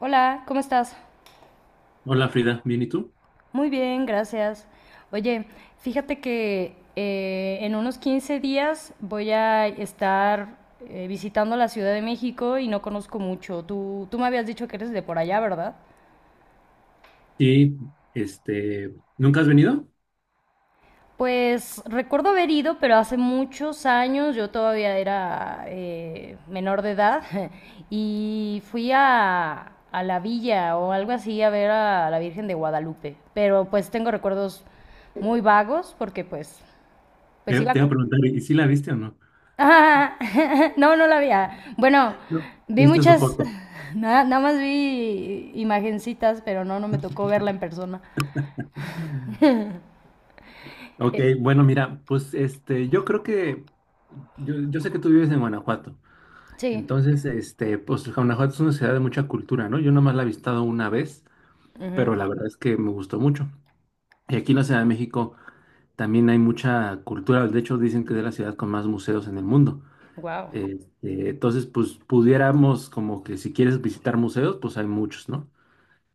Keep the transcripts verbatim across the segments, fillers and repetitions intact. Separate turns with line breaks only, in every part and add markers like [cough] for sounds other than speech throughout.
Hola, ¿cómo estás?
Hola Frida, ¿bien y tú?
Muy bien, gracias. Oye, fíjate que eh, en unos quince días voy a estar eh, visitando la Ciudad de México y no conozco mucho. Tú, tú me habías dicho que eres de por allá, ¿verdad?
Y este, ¿nunca has venido?
Pues recuerdo haber ido, pero hace muchos años, yo todavía era eh, menor de edad, [laughs] y fui a, a la villa o algo así a ver a la Virgen de Guadalupe. Pero pues tengo recuerdos muy vagos porque pues Pues
Te,
iba
te iba a
co-
preguntar, ¿y si la viste o no?
Ah, [laughs] no, no la vi. Ah, bueno,
No.
vi
¿Viste su
muchas,
foto?
[laughs] nada, nada más vi imagencitas, pero no, no me tocó verla en persona.
Ok,
Eh,
bueno, mira, pues este, yo creo que, yo, yo sé que tú vives en Guanajuato,
sí.
entonces, este, pues Guanajuato es una ciudad de mucha cultura, ¿no? Yo nomás la he visitado una vez, pero la verdad es que me gustó mucho. Y aquí en la Ciudad de México también hay mucha cultura, de hecho dicen que es la ciudad con más museos en el mundo.
Wow.
Este, entonces, pues pudiéramos como que si quieres visitar museos, pues hay muchos, ¿no?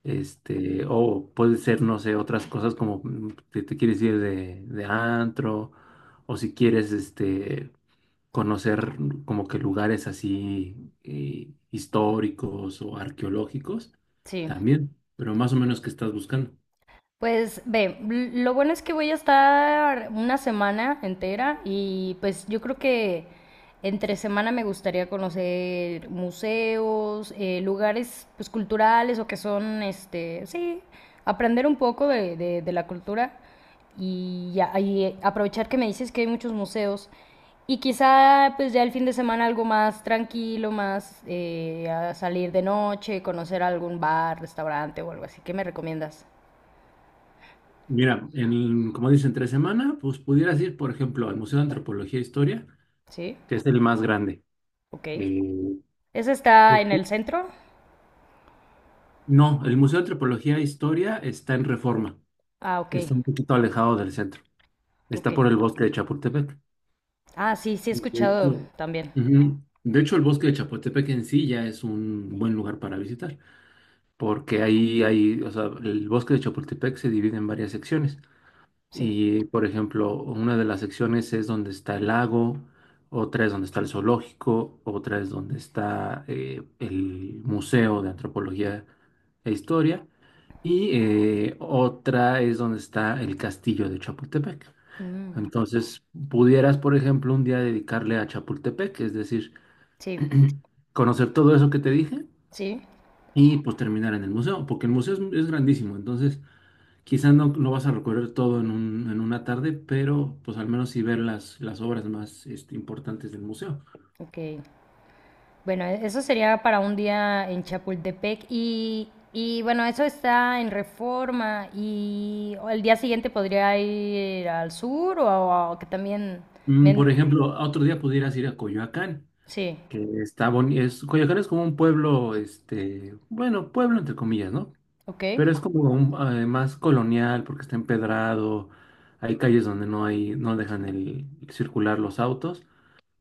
Este, o puede ser, no sé, otras cosas como mm, que te quieres ir de, de antro, o si quieres, este, conocer como que lugares así eh, históricos o arqueológicos,
Sí.
también, pero más o menos ¿qué estás buscando?
Pues ve, l- lo bueno es que voy a estar una semana entera y pues yo creo que entre semana me gustaría conocer museos, eh, lugares pues culturales o que son, este, sí, aprender un poco de, de- de la cultura y, ya- y aprovechar que me dices que hay muchos museos y quizá pues ya el fin de semana algo más tranquilo, más eh, a salir de noche, conocer algún bar, restaurante o algo así. ¿Qué me recomiendas?
Mira, en, como dicen, tres semanas, pues pudieras ir, por ejemplo, al Museo de Antropología e Historia,
¿Sí?
que es el más grande.
Ok.
Eh,
¿Ese está en el centro?
No, el Museo de Antropología e Historia está en Reforma,
Ah, ok,
está un poquito alejado del centro,
ok.
está por el bosque de Chapultepec.
Ah, sí, sí he
De
escuchado
hecho,
también.
ujú, de hecho, el bosque de Chapultepec en sí ya es un buen lugar para visitar, porque ahí hay, o sea, el bosque de Chapultepec se divide en varias secciones.
Sí.
Y, por ejemplo, una de las secciones es donde está el lago, otra es donde está el zoológico, otra es donde está eh, el Museo de Antropología e Historia y eh, otra es donde está el castillo de Chapultepec.
Mm,
Entonces, pudieras, por ejemplo, un día dedicarle a Chapultepec, es decir,
sí,
[clears throat] conocer todo eso que te dije
sí.
y pues terminar en el museo, porque el museo es, es grandísimo, entonces... Quizá no, no vas a recorrer todo en un- en una tarde, pero pues al menos sí ver las, las obras más este, importantes del museo.
Ok. Bueno, e- eso sería para un día en Chapultepec y, y bueno, eso está en Reforma y el día siguiente podría ir al sur o, a- que también...
Mm,
me-
por ejemplo, otro día pudieras ir a Coyoacán,
sí,
que está bonito. Es, Coyoacán es como un pueblo, este, bueno, pueblo entre comillas, ¿no?
ok.
Pero es como un, eh, más colonial porque está empedrado, hay calles donde no hay, no dejan el, circular los autos.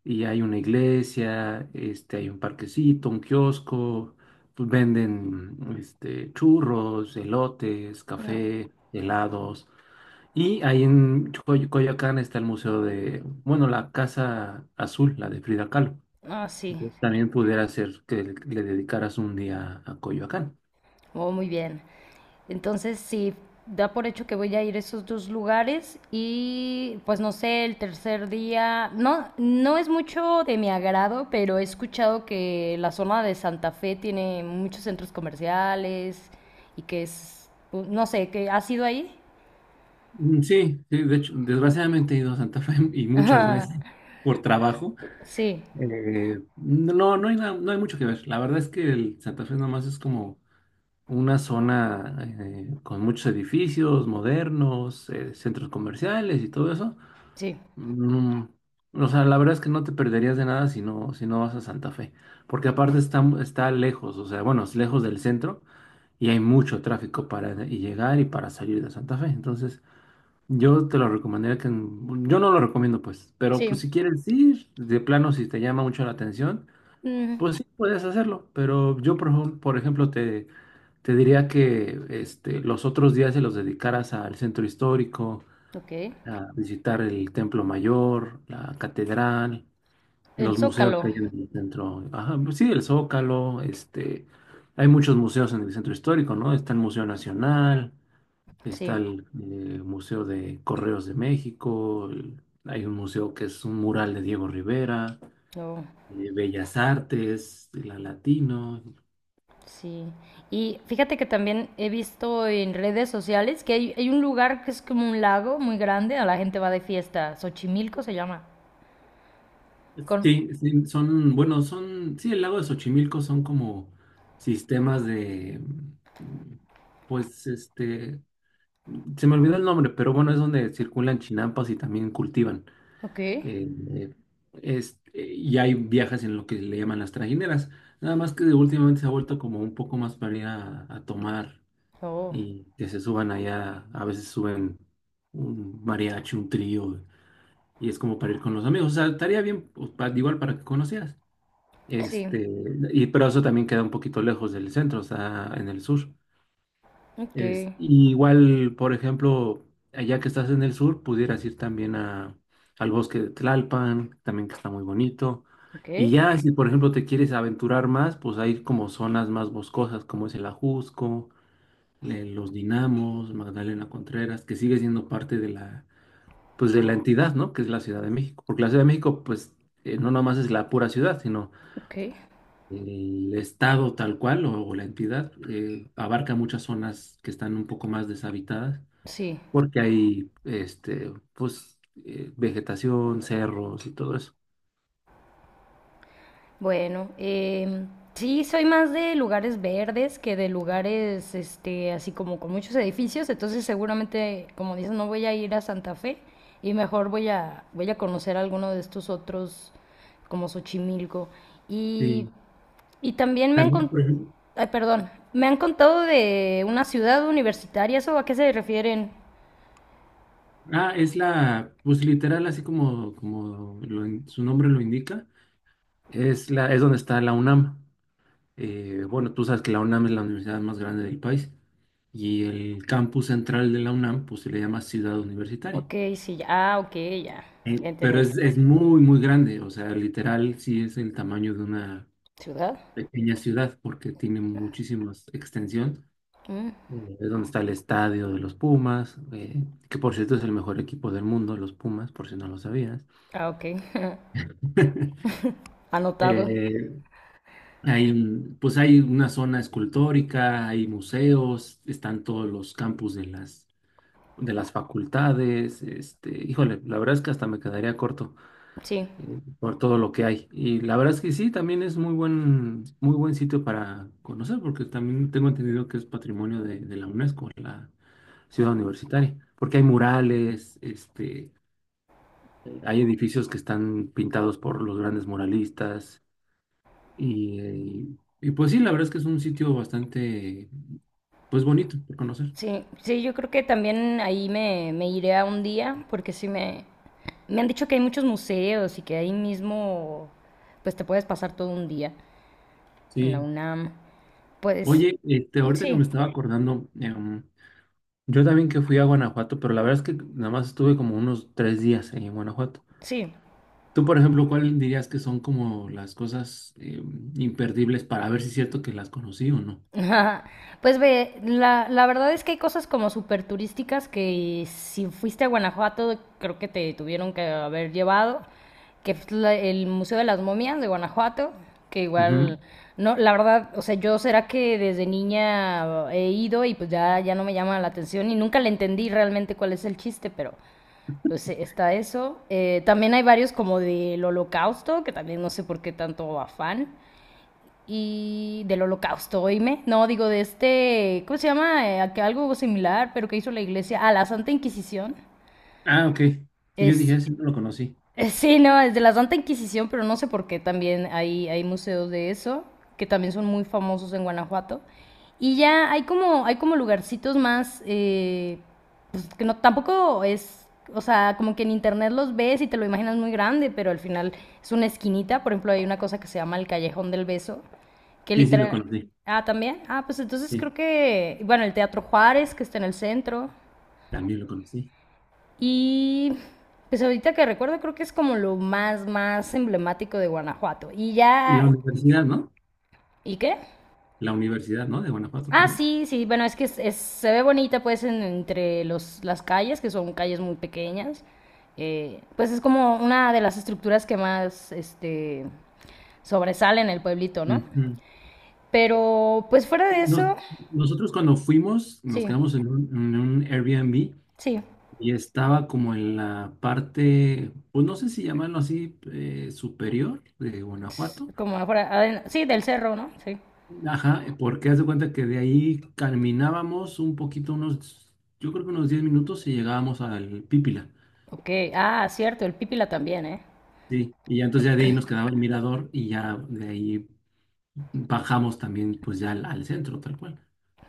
Y hay una iglesia, este, hay un parquecito, un kiosco, pues venden este, churros, elotes,
No,
café, helados. Y ahí en Coy- Coyoacán está el museo de, bueno, la Casa Azul, la de Frida Kahlo.
ah, sí.
Entonces también pudiera ser que le le dedicaras un día a Coyoacán.
Oh, muy bien. Entonces, sí, da por hecho que voy a ir a esos dos lugares y pues no sé, el tercer día, no, no es mucho de mi agrado, pero he escuchado que la zona de Santa Fe tiene muchos centros comerciales y que es, no sé, que ha sido ahí.
Mm, Sí, sí, de hecho, desgraciadamente he ido a Santa Fe [laughs] y
[laughs]
muchas veces
Ajá.
por trabajo.
Sí,
Eh, no, no hay nada, no hay mucho que ver. La verdad es que el Santa Fe nomás es como una zona eh, con muchos edificios modernos, eh, centros comerciales y todo eso.
sí,
Mm, o sea, la verdad es que no te perderías de nada si no, si no vas a Santa Fe, porque aparte está, mu- está lejos, o sea, bueno, es lejos del centro y hay mucho tráfico para de- y llegar y para salir de Santa Fe. Entonces, yo te lo recomendaría que, en- yo no lo recomiendo pues, pero pues si
sí.
quieres ir, de plano si te llama mucho la atención,
Mm,
pues sí puedes hacerlo, pero yo por, ejemplo- por ejemplo te te diría que este, los otros días se los dedicaras al centro histórico,
ok.
a visitar el Templo Mayor, la catedral,
El
los museos que
Zócalo,
hay en el centro. Ajá, pues sí, el Zócalo, este, hay muchos museos en el centro histórico, ¿no? Está el Museo Nacional, está
sí.
el, eh, Museo de Correos de México, el- hay un museo que es un mural de Diego Rivera,
Oh.
eh, Bellas Artes, la Latino.
Sí, y fíjate que también he visto en redes sociales que hay, hay un lugar que es como un lago muy grande, a la gente va de fiesta, Xochimilco se llama. Con...
Sí, sí, son, bueno, son, sí, el lago de Xochimilco son como sistemas de, mm, pues, este, se me olvidó el nombre, pero bueno, es donde circulan chinampas y también cultivan.
Ok,
eh, eh, este, y hay viajes en lo que le llaman las trajineras, nada más que últimamente se ha vuelto como un poco más para ir a, a tomar
oh,
y que se suban allá, a veces suben un mariachi, un trío, y es como para ir con los amigos, o sea, estaría bien, pues, pa- igual para que conocieras.
sí,
Este, y pero eso también queda un poquito lejos del centro, está en el sur.
ok,
Es, y igual, por ejemplo, allá que estás en el sur, pudieras ir también a, al bosque de Tlalpan, también que está muy bonito.
ok,
Y ya, si por ejemplo te quieres aventurar más, pues hay como zonas más boscosas, como es el Ajusco, le- los Dinamos, Magdalena Contreras, que sigue siendo parte de la, pues de la entidad, ¿no? Que es la Ciudad de México. Porque la Ciudad de México, pues, eh, no nomás es la pura ciudad, sino
ok,
el estado tal cual o, o la entidad eh, abarca muchas zonas que están un poco más deshabitadas
sí.
porque hay este, pues, eh, vegetación, cerros y todo eso.
Bueno, em, sí, soy más de lugares verdes que de lugares, este, así como con muchos edificios, entonces seguramente, como dices, no voy a ir a Santa Fe y mejor voy a, voy a conocer alguno de estos otros, como Xochimilco. Y,
Sí.
y también me han,
También,
con-
por ejemplo,
ay, perdón, me han contado de una ciudad universitaria, ¿eso a qué se refieren?
ah, es la, pues literal, así como, como lo in- su nombre lo indica, es, la, es donde está la UNAM. Eh, bueno, tú sabes que la UNAM es la universidad más grande del país y el campus central de la UNAM, pues se le llama Ciudad Universitaria.
Ok, sí, ya, ah, ok, ya, ya
Eh, pero
entendí.
es, es muy, muy grande, o sea, literal sí es el tamaño de una
¿Ciudad?
pequeña ciudad porque tiene muchísima extensión.
Mm,
Eh, Es donde está el estadio de los Pumas, eh, que por cierto es el mejor equipo del mundo, los Pumas, por si no lo sabías.
ah, ok, [laughs]
[laughs]
anotado,
Eh, hay, un- pues hay una zona escultórica, hay museos, están todos los campus de las, de las, facultades. Este, híjole, la verdad es que hasta me quedaría corto,
sí.
por todo lo que hay. Y la verdad es que sí, también es muy buen, muy buen sitio para conocer, porque también tengo entendido que es patrimonio de, de la UNESCO, la ciudad universitaria, porque hay murales, este, eh, hay edificios que están pintados por los grandes muralistas, y, eh, y pues sí, la verdad es que es un sitio bastante, pues bonito por conocer.
Sí, sí, yo creo que también ahí me, me iré a un día, porque sí me, me han dicho que hay muchos museos y que ahí mismo, pues te puedes pasar todo un día en la
Sí.
U N A M. Pues
Oye, este, ahorita que me
sí,
estaba acordando, em, yo también que fui a Guanajuato, pero la verdad es que nada más estuve como unos tres días en Guanajuato.
sí.
Tú, por ejemplo, ¿cuál dirías que son como las cosas eh, imperdibles para ver si es cierto que las conocí o no?
Ajá. Pues ve, la, la verdad es que hay cosas como súper turísticas que si fuiste a Guanajuato creo que te tuvieron que haber llevado, que es la- el Museo de las Momias de Guanajuato, que
Ujú.
igual, no, la verdad, o sea, yo será que desde niña he ido y pues ya, ya no me llama la atención y nunca le entendí realmente cuál es el chiste, pero pues eh, está eso. Eh, también hay varios como del Holocausto, que también no sé por qué tanto afán y del holocausto, oíme. No, digo de este, ¿cómo se llama? Eh, que algo similar, pero que hizo la iglesia a la Santa Inquisición.
Ah, ok. Sí, yo
Es,
dije, sí, no lo conocí.
eh, sí, no, es de la Santa Inquisición, pero no sé por qué también hay, hay museos de eso, que también son muy famosos en Guanajuato. Y ya hay como, hay como lugarcitos más, eh, pues que no, tampoco es, o sea, como que en internet los ves y te lo imaginas muy grande, pero al final es una esquinita. Por ejemplo, hay una cosa que se llama el Callejón del Beso, que
Sí, sí, lo
literal...
conocí.
Ah, también. Ah, pues entonces creo
Sí,
que, bueno, el Teatro Juárez, que está en el centro.
también lo conocí.
Y pues ahorita que recuerdo creo que es como lo más, más emblemático de Guanajuato. Y
Y la
ya...
universidad, ¿no?
¿Y qué?
La universidad, ¿no? De Guanajuato
Ah,
también.
sí, sí, bueno, es que es- es- se ve bonita pues en- entre los, las calles, que son calles muy pequeñas. Eh, pues es como una de las estructuras que más este, sobresale en el pueblito, ¿no?
Ujú.
Pero pues fuera de
Y nos-
eso,
nosotros cuando fuimos, nos
sí,
quedamos en un, en un Airbnb
sí,
y estaba como en la parte, pues no sé si llamarlo así, eh, superior de Guanajuato.
como afuera, aden- sí, del cerro, ¿no? Sí.
Ajá, eh, porque haz de cuenta que de ahí caminábamos un poquito, unos, yo creo que unos diez minutos y llegábamos al Pípila.
Ok, ah, cierto, el Pípila también, ¿eh?
Sí, y ya entonces ya de ahí nos quedaba el mirador y ya de ahí bajamos también pues ya al, al centro, tal cual.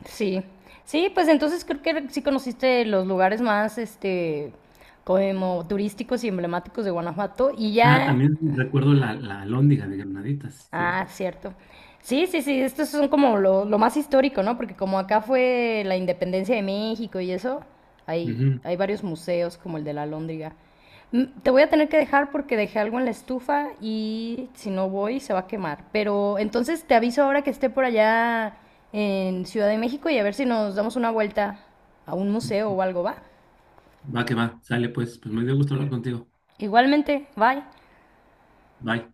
Sí, sí, pues entonces creo que sí conociste los lugares más, este, como turísticos y emblemáticos de Guanajuato y
Ah,
ya
también recuerdo la, la alhóndiga de Granaditas,
ah,
cierto.
cierto. Sí, sí, sí, esto son como lo, lo más histórico, ¿no? Porque como acá fue la independencia de México y eso, hay,
Ujú.
hay varios museos como el de la Lóndriga. Mm, te voy a tener que dejar porque dejé algo en la estufa y si no voy se va a quemar. Pero entonces te aviso ahora que esté por allá en Ciudad de México y a ver si nos damos una vuelta a un museo o algo, ¿va?
Va que va, sale pues, pues me dio gusto hablar contigo.
Igualmente, bye.
Bye.